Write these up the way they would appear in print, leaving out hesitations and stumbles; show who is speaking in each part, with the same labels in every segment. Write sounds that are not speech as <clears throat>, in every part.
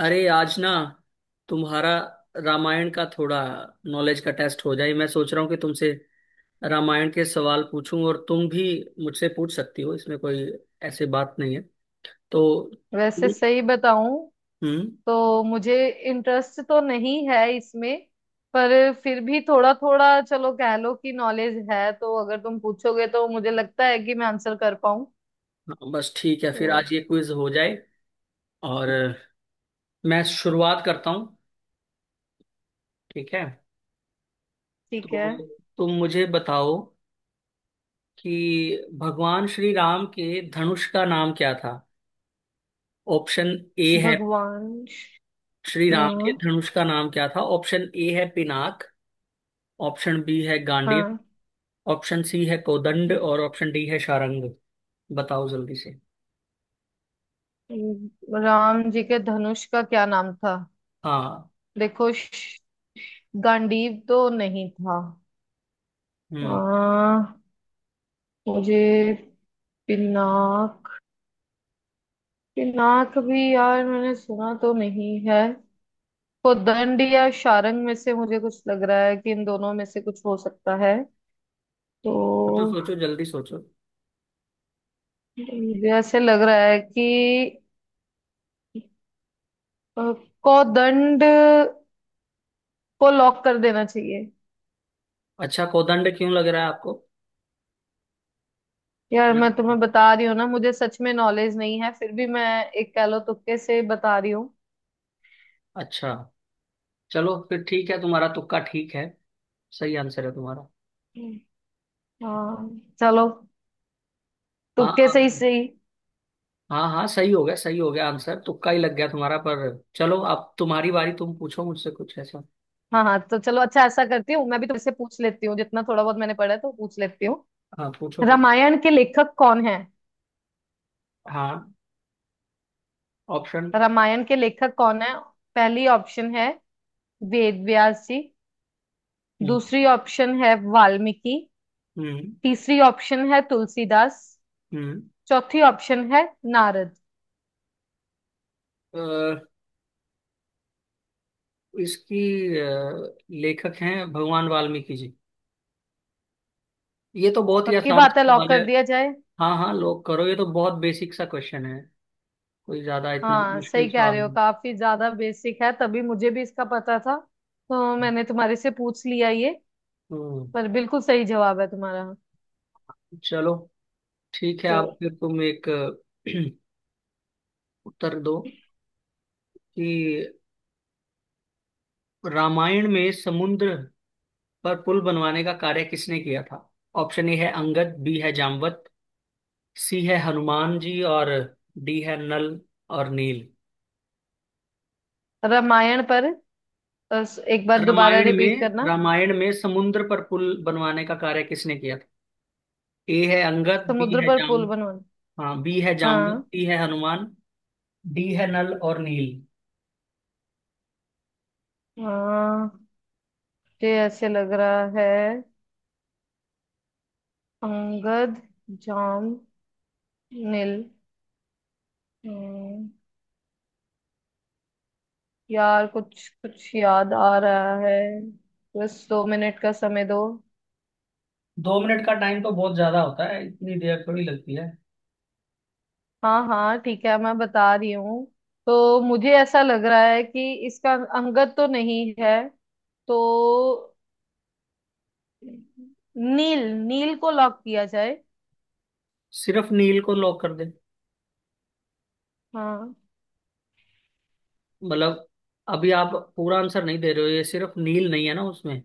Speaker 1: अरे आज ना तुम्हारा रामायण का थोड़ा नॉलेज का टेस्ट हो जाए। मैं सोच रहा हूँ कि तुमसे रामायण के सवाल पूछूं और तुम भी मुझसे पूछ सकती हो। इसमें कोई ऐसी बात नहीं है तो।
Speaker 2: वैसे सही बताऊं
Speaker 1: हम्म।
Speaker 2: तो मुझे इंटरेस्ट तो नहीं है इसमें। पर फिर भी थोड़ा थोड़ा चलो कह लो कि नॉलेज है, तो अगर तुम पूछोगे तो मुझे लगता है कि मैं आंसर कर पाऊं।
Speaker 1: हाँ, बस ठीक है
Speaker 2: तो
Speaker 1: फिर आज ये क्विज हो जाए। और मैं शुरुआत करता हूँ। ठीक है।
Speaker 2: ठीक है।
Speaker 1: तो तुम मुझे बताओ कि भगवान श्री राम के धनुष का नाम क्या था। ऑप्शन ए है।
Speaker 2: भगवान।
Speaker 1: श्री राम के
Speaker 2: हाँ,
Speaker 1: धनुष का नाम क्या था? ऑप्शन ए है पिनाक। ऑप्शन बी है गांडीव।
Speaker 2: हाँ।
Speaker 1: ऑप्शन सी है कोदंड और ऑप्शन डी है शारंग। बताओ जल्दी से।
Speaker 2: राम जी के धनुष का क्या नाम था?
Speaker 1: हाँ।
Speaker 2: देखो गांडीव तो नहीं था।
Speaker 1: हम्म।
Speaker 2: आ, मुझे पिनाक, भी यार मैंने सुना तो नहीं है। उदंड या शारंग में से मुझे कुछ लग रहा है कि इन दोनों में से कुछ हो सकता है। तो
Speaker 1: सोचो सोचो जल्दी सोचो।
Speaker 2: मुझे ऐसे लग रहा है कि अ, कोदंड को लॉक कर देना चाहिए।
Speaker 1: अच्छा, कोदंड क्यों लग रहा है आपको?
Speaker 2: यार मैं तुम्हें बता रही हूँ ना, मुझे सच में नॉलेज नहीं है, फिर भी मैं एक कह लो तुक्के से बता रही हूँ।
Speaker 1: अच्छा, चलो फिर ठीक है तुम्हारा तुक्का ठीक है। सही आंसर है तुम्हारा।
Speaker 2: हाँ, चलो,
Speaker 1: हाँ
Speaker 2: तुक्के से ही
Speaker 1: हाँ।
Speaker 2: सही।
Speaker 1: हाँ हाँ, सही हो गया आंसर तुक्का ही लग गया तुम्हारा, पर चलो अब तुम्हारी बारी, तुम पूछो मुझसे कुछ ऐसा।
Speaker 2: हाँ हाँ, तो चलो, अच्छा ऐसा करती हूँ, मैं भी तुमसे पूछ लेती हूँ, जितना थोड़ा बहुत मैंने पढ़ा है तो पूछ लेती हूँ।
Speaker 1: हाँ, पूछो पूछो।
Speaker 2: रामायण के लेखक कौन है?
Speaker 1: हाँ। ऑप्शन।
Speaker 2: रामायण के लेखक कौन है, पहली ऑप्शन है वेद व्यास जी।
Speaker 1: हम्म।
Speaker 2: दूसरी ऑप्शन है वाल्मीकि।
Speaker 1: हम्म।
Speaker 2: तीसरी ऑप्शन है तुलसीदास।
Speaker 1: हम्म।
Speaker 2: चौथी ऑप्शन है नारद।
Speaker 1: इसकी लेखक हैं भगवान वाल्मीकि जी। ये तो बहुत ही
Speaker 2: पक्की
Speaker 1: आसान
Speaker 2: बात है, लॉक
Speaker 1: सवाल है।
Speaker 2: कर दिया जाए।
Speaker 1: हाँ हाँ, लोग करो, ये तो बहुत बेसिक सा क्वेश्चन है। कोई ज्यादा इतना
Speaker 2: हाँ सही
Speaker 1: मुश्किल
Speaker 2: कह
Speaker 1: सवाल
Speaker 2: रहे हो,
Speaker 1: नहीं।
Speaker 2: काफी ज्यादा बेसिक है तभी मुझे भी इसका पता था, तो मैंने तुम्हारे से पूछ लिया ये।
Speaker 1: हम्म।
Speaker 2: पर बिल्कुल सही जवाब है तुम्हारा।
Speaker 1: चलो ठीक है,
Speaker 2: तो
Speaker 1: आप फिर तुम एक <clears throat> उत्तर दो कि रामायण में समुद्र पर पुल बनवाने का कार्य किसने किया था। ऑप्शन ए है अंगद, बी है जामवंत, सी है हनुमान जी और डी है नल और नील।
Speaker 2: रामायण पर एक बार दोबारा
Speaker 1: रामायण
Speaker 2: रिपीट
Speaker 1: में
Speaker 2: करना।
Speaker 1: रामायण में समुद्र पर पुल बनवाने का कार्य किसने किया था? ए है अंगद, बी
Speaker 2: समुद्र
Speaker 1: है
Speaker 2: पर
Speaker 1: जाम।
Speaker 2: पुल बनवाना।
Speaker 1: हाँ, बी है जाम्बुत,
Speaker 2: हाँ।
Speaker 1: सी है हनुमान। डी है नल और नील।
Speaker 2: हाँ। मुझे ऐसे लग रहा है, अंगद, जाम, नील, हम्म, यार कुछ कुछ याद आ रहा है। बस 2 मिनट का समय दो।
Speaker 1: 2 मिनट का टाइम तो बहुत ज्यादा होता है, इतनी देर थोड़ी लगती है।
Speaker 2: हाँ हाँ ठीक है, मैं बता रही हूँ। तो मुझे ऐसा लग रहा है कि इसका अंगद तो नहीं है। तो नील नील को लॉक किया जाए।
Speaker 1: सिर्फ नील को लॉक कर दे?
Speaker 2: हाँ
Speaker 1: मतलब, अभी आप पूरा आंसर नहीं दे रहे हो, ये सिर्फ नील नहीं है ना उसमें,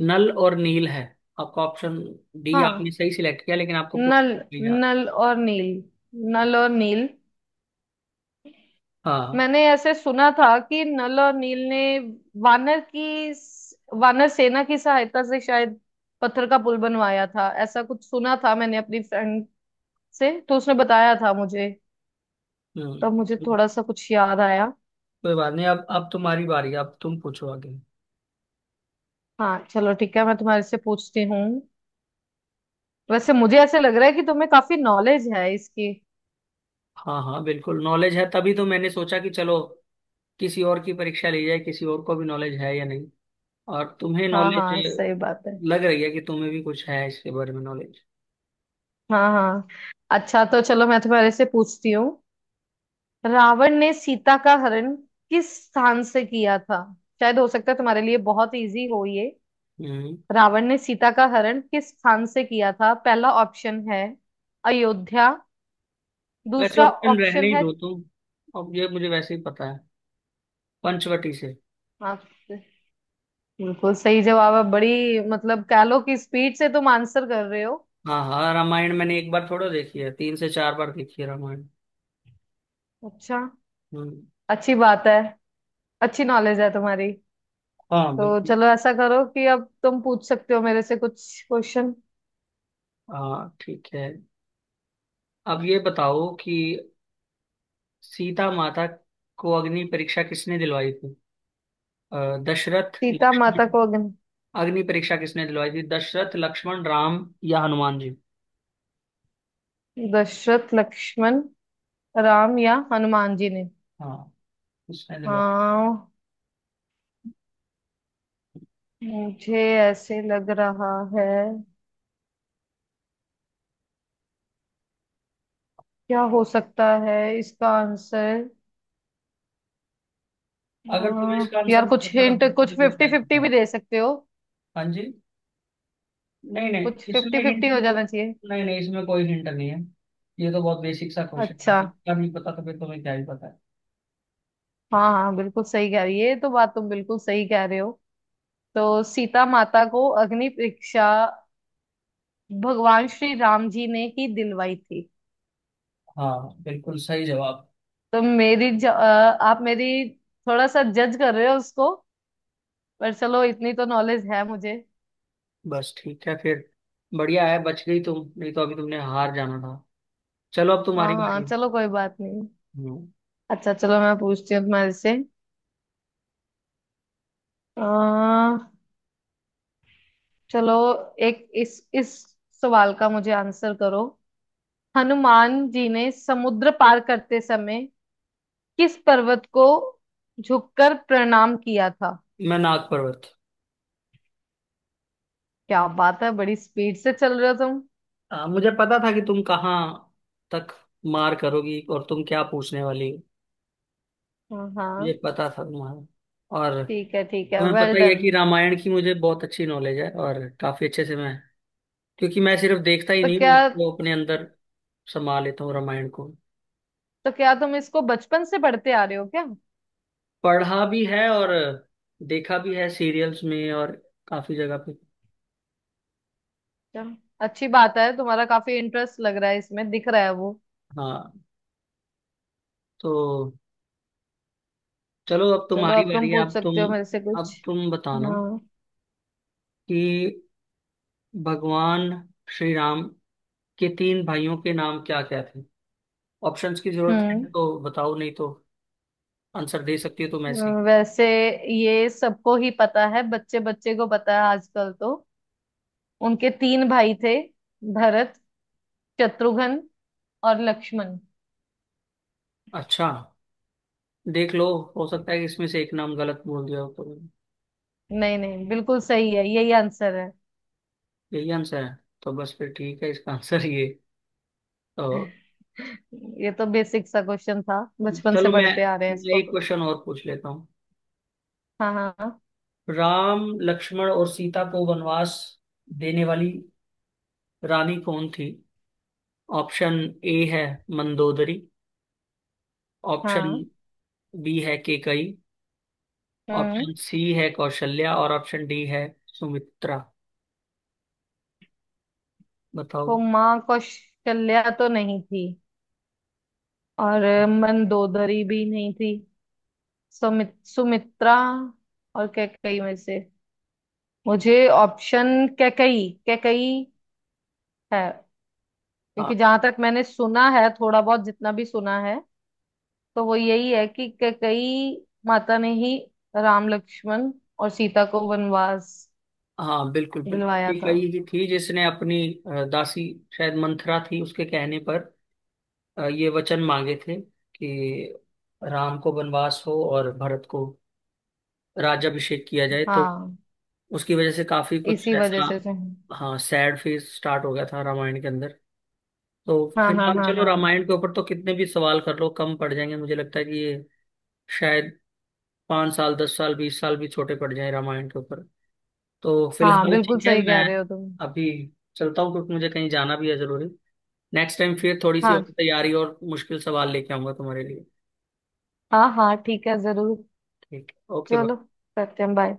Speaker 1: नल और नील है। आपका ऑप्शन डी आपने
Speaker 2: हाँ।
Speaker 1: सही सिलेक्ट किया लेकिन आपको पूरा
Speaker 2: नल,
Speaker 1: नहीं याद।
Speaker 2: नल और नील नल और नील।
Speaker 1: हाँ।
Speaker 2: मैंने ऐसे सुना था कि नल और नील ने वानर की वानर सेना की सहायता से शायद पत्थर का पुल बनवाया था, ऐसा कुछ सुना था मैंने अपनी फ्रेंड से, तो उसने बताया था मुझे।
Speaker 1: हम्म।
Speaker 2: तब मुझे थोड़ा सा कुछ याद आया।
Speaker 1: कोई बात नहीं, अब तुम्हारी बारी, अब तुम पूछो आगे।
Speaker 2: हाँ चलो ठीक है, मैं तुम्हारे से पूछती हूँ। वैसे मुझे ऐसे लग रहा है कि तुम्हें काफी नॉलेज है इसकी।
Speaker 1: हाँ हाँ, बिल्कुल नॉलेज है, तभी तो मैंने सोचा कि चलो किसी और की परीक्षा ली जाए, किसी और को भी नॉलेज है या नहीं। और तुम्हें
Speaker 2: हाँ
Speaker 1: नॉलेज
Speaker 2: हाँ, सही बात है।
Speaker 1: लग रही है कि तुम्हें भी कुछ है इसके बारे में नॉलेज।
Speaker 2: हाँ हाँ। अच्छा तो चलो, मैं तुम्हारे से पूछती हूँ। रावण ने सीता का हरण किस स्थान से किया था? शायद हो सकता है तुम्हारे लिए बहुत इजी हो ये।
Speaker 1: हम्म।
Speaker 2: रावण ने सीता का हरण किस स्थान से किया था, पहला ऑप्शन है अयोध्या।
Speaker 1: वैसे
Speaker 2: दूसरा
Speaker 1: ऑप्शन रहने
Speaker 2: ऑप्शन
Speaker 1: ही
Speaker 2: है।
Speaker 1: दो तुम, अब ये मुझे वैसे ही पता है। पंचवटी से।
Speaker 2: हाँ, बिल्कुल सही जवाब है। बड़ी मतलब कह लो कि स्पीड से तुम आंसर कर रहे हो।
Speaker 1: हाँ हाँ, रामायण मैंने एक बार थोड़ा देखी है, 3 से 4 बार देखी है रामायण।
Speaker 2: अच्छा।
Speaker 1: हम्म।
Speaker 2: अच्छी बात है, अच्छी नॉलेज है तुम्हारी।
Speaker 1: हाँ,
Speaker 2: तो
Speaker 1: बिल्कुल।
Speaker 2: चलो ऐसा करो कि अब तुम पूछ सकते हो मेरे से कुछ क्वेश्चन।
Speaker 1: हाँ ठीक है। अब ये बताओ कि सीता माता को अग्नि परीक्षा किसने दिलवाई थी? दशरथ,
Speaker 2: सीता
Speaker 1: लक्ष्मण।
Speaker 2: माता को अग्नि,
Speaker 1: अग्नि परीक्षा किसने दिलवाई थी? दशरथ, लक्ष्मण, राम या हनुमान जी?
Speaker 2: दशरथ, लक्ष्मण, राम या हनुमान जी ने।
Speaker 1: हाँ, किसने दिलवाई?
Speaker 2: आ, मुझे ऐसे लग रहा है, क्या हो सकता है इसका आंसर?
Speaker 1: अगर तुम्हें इसका आंसर
Speaker 2: यार
Speaker 1: नहीं
Speaker 2: कुछ
Speaker 1: पता तो
Speaker 2: हिंट, कुछ
Speaker 1: मुझे भी
Speaker 2: फिफ्टी
Speaker 1: बताइए,
Speaker 2: फिफ्टी भी
Speaker 1: बताओ।
Speaker 2: दे सकते हो।
Speaker 1: हाँ जी। नहीं नहीं,
Speaker 2: कुछ फिफ्टी
Speaker 1: इसमें हिंट
Speaker 2: फिफ्टी
Speaker 1: की
Speaker 2: हो
Speaker 1: कोई,
Speaker 2: जाना चाहिए।
Speaker 1: नहीं नहीं, इसमें कोई हिंट नहीं है। ये तो बहुत बेसिक सा क्वेश्चन
Speaker 2: अच्छा।
Speaker 1: है, क्या नहीं पता तो फिर तुम्हें क्या ही पता है।
Speaker 2: हाँ हाँ, बिल्कुल सही कह रही है, ये तो बात तुम बिल्कुल सही कह रहे हो। तो सीता माता को अग्नि परीक्षा भगवान श्री राम जी ने ही दिलवाई थी।
Speaker 1: हाँ, बिल्कुल सही जवाब।
Speaker 2: तो आप मेरी थोड़ा सा जज कर रहे हो उसको। पर चलो इतनी तो नॉलेज है मुझे।
Speaker 1: बस ठीक है फिर। बढ़िया है, बच गई तुम, नहीं तो अभी तुमने हार जाना था। चलो अब
Speaker 2: हाँ
Speaker 1: तुम्हारी
Speaker 2: हाँ
Speaker 1: बारी है।
Speaker 2: चलो, कोई बात नहीं।
Speaker 1: हम्म,
Speaker 2: अच्छा चलो, मैं पूछती हूँ तुम्हारे से। आ, चलो, एक इस सवाल का मुझे आंसर करो। हनुमान जी ने समुद्र पार करते समय किस पर्वत को झुककर प्रणाम किया था?
Speaker 1: मैं नाग पर्वत।
Speaker 2: क्या बात है, बड़ी स्पीड से चल रहे हो तुम।
Speaker 1: मुझे पता था कि तुम कहाँ तक मार करोगी और तुम क्या पूछने वाली हो।
Speaker 2: हाँ
Speaker 1: मुझे
Speaker 2: हाँ,
Speaker 1: पता था तुम्हारा। और
Speaker 2: ठीक है ठीक है,
Speaker 1: तुम्हें पता
Speaker 2: वेल
Speaker 1: ही है
Speaker 2: डन।
Speaker 1: कि रामायण की मुझे बहुत अच्छी नॉलेज है, और काफी अच्छे से मैं, क्योंकि मैं सिर्फ देखता ही
Speaker 2: तो
Speaker 1: नहीं
Speaker 2: क्या
Speaker 1: हूँ उसको, अपने अंदर समा लेता हूँ रामायण को।
Speaker 2: तो क्या तुम इसको बचपन से पढ़ते आ रहे हो क्या?
Speaker 1: पढ़ा भी है और देखा भी है सीरियल्स में, और काफी जगह पे।
Speaker 2: चलो अच्छी बात है, तुम्हारा काफी इंटरेस्ट लग रहा है इसमें, दिख रहा है वो।
Speaker 1: हाँ। तो चलो अब
Speaker 2: चलो
Speaker 1: तुम्हारी
Speaker 2: अब तुम
Speaker 1: बारी है,
Speaker 2: पूछ
Speaker 1: अब तुम।
Speaker 2: सकते हो मेरे से कुछ।
Speaker 1: अब तुम बताना
Speaker 2: हाँ।
Speaker 1: कि भगवान श्री राम के तीन भाइयों के नाम क्या क्या थे। ऑप्शंस की जरूरत है
Speaker 2: हम्म।
Speaker 1: तो बताओ, नहीं तो आंसर दे सकती हो तुम ऐसे ही।
Speaker 2: वैसे ये सबको ही पता है, बच्चे बच्चे को पता है आजकल तो। उनके तीन भाई थे, भरत, शत्रुघ्न और लक्ष्मण।
Speaker 1: अच्छा, देख लो, हो सकता है कि इसमें से एक नाम गलत बोल दिया हो तो।
Speaker 2: नहीं नहीं, बिल्कुल सही है, यही आंसर है।
Speaker 1: यही आंसर है। तो बस फिर ठीक है इसका आंसर ये। तो
Speaker 2: ये तो बेसिक सा क्वेश्चन था, बचपन से
Speaker 1: चलो मैं
Speaker 2: पढ़ते आ रहे हैं
Speaker 1: मैं
Speaker 2: इसको
Speaker 1: एक
Speaker 2: तो।
Speaker 1: क्वेश्चन और पूछ लेता हूँ।
Speaker 2: हाँ हाँ हाँ
Speaker 1: राम, लक्ष्मण और सीता को वनवास देने वाली रानी कौन थी? ऑप्शन ए है मंदोदरी। ऑप्शन
Speaker 2: हाँ।
Speaker 1: बी है केकई।
Speaker 2: हम्म।
Speaker 1: ऑप्शन सी है कौशल्या और ऑप्शन डी है सुमित्रा। बताओ।
Speaker 2: को माँ कौशल्या तो नहीं थी, और मंदोदरी भी नहीं थी। सुमित्रा और कैकई में से, मुझे ऑप्शन कैकई, है,
Speaker 1: हाँ
Speaker 2: क्योंकि जहां तक मैंने सुना है, थोड़ा बहुत जितना भी सुना है, तो वो यही है कि कैकई माता ने ही राम, लक्ष्मण और सीता को वनवास
Speaker 1: हाँ, बिल्कुल बिल्कुल
Speaker 2: दिलवाया
Speaker 1: ठीक
Speaker 2: था।
Speaker 1: है, ये कही ही थी जिसने अपनी दासी, शायद मंथरा थी, उसके कहने पर ये वचन मांगे थे कि राम को वनवास हो और भरत को राज्याभिषेक किया जाए। तो
Speaker 2: हाँ,
Speaker 1: उसकी वजह से काफी कुछ
Speaker 2: इसी वजह
Speaker 1: ऐसा,
Speaker 2: से।
Speaker 1: हाँ, सैड फेज स्टार्ट हो गया था रामायण के अंदर। तो
Speaker 2: हाँ हाँ
Speaker 1: फिलहाल
Speaker 2: हाँ
Speaker 1: चलो,
Speaker 2: हाँ।
Speaker 1: रामायण के ऊपर तो कितने भी सवाल कर लो कम पड़ जाएंगे, मुझे लगता है कि ये शायद 5 साल, 10 साल, 20 साल भी छोटे पड़ जाए रामायण के ऊपर। तो
Speaker 2: हाँ
Speaker 1: फिलहाल
Speaker 2: बिल्कुल
Speaker 1: ठीक है,
Speaker 2: सही कह
Speaker 1: मैं
Speaker 2: रहे हो तुम।
Speaker 1: अभी चलता हूँ क्योंकि मुझे कहीं जाना भी है जरूरी। नेक्स्ट टाइम फिर थोड़ी सी और
Speaker 2: हाँ
Speaker 1: तैयारी और मुश्किल सवाल लेके आऊंगा तुम्हारे लिए।
Speaker 2: हाँ हाँ ठीक है, जरूर।
Speaker 1: ठीक है, ओके।
Speaker 2: चलो, करते हैं, बाय।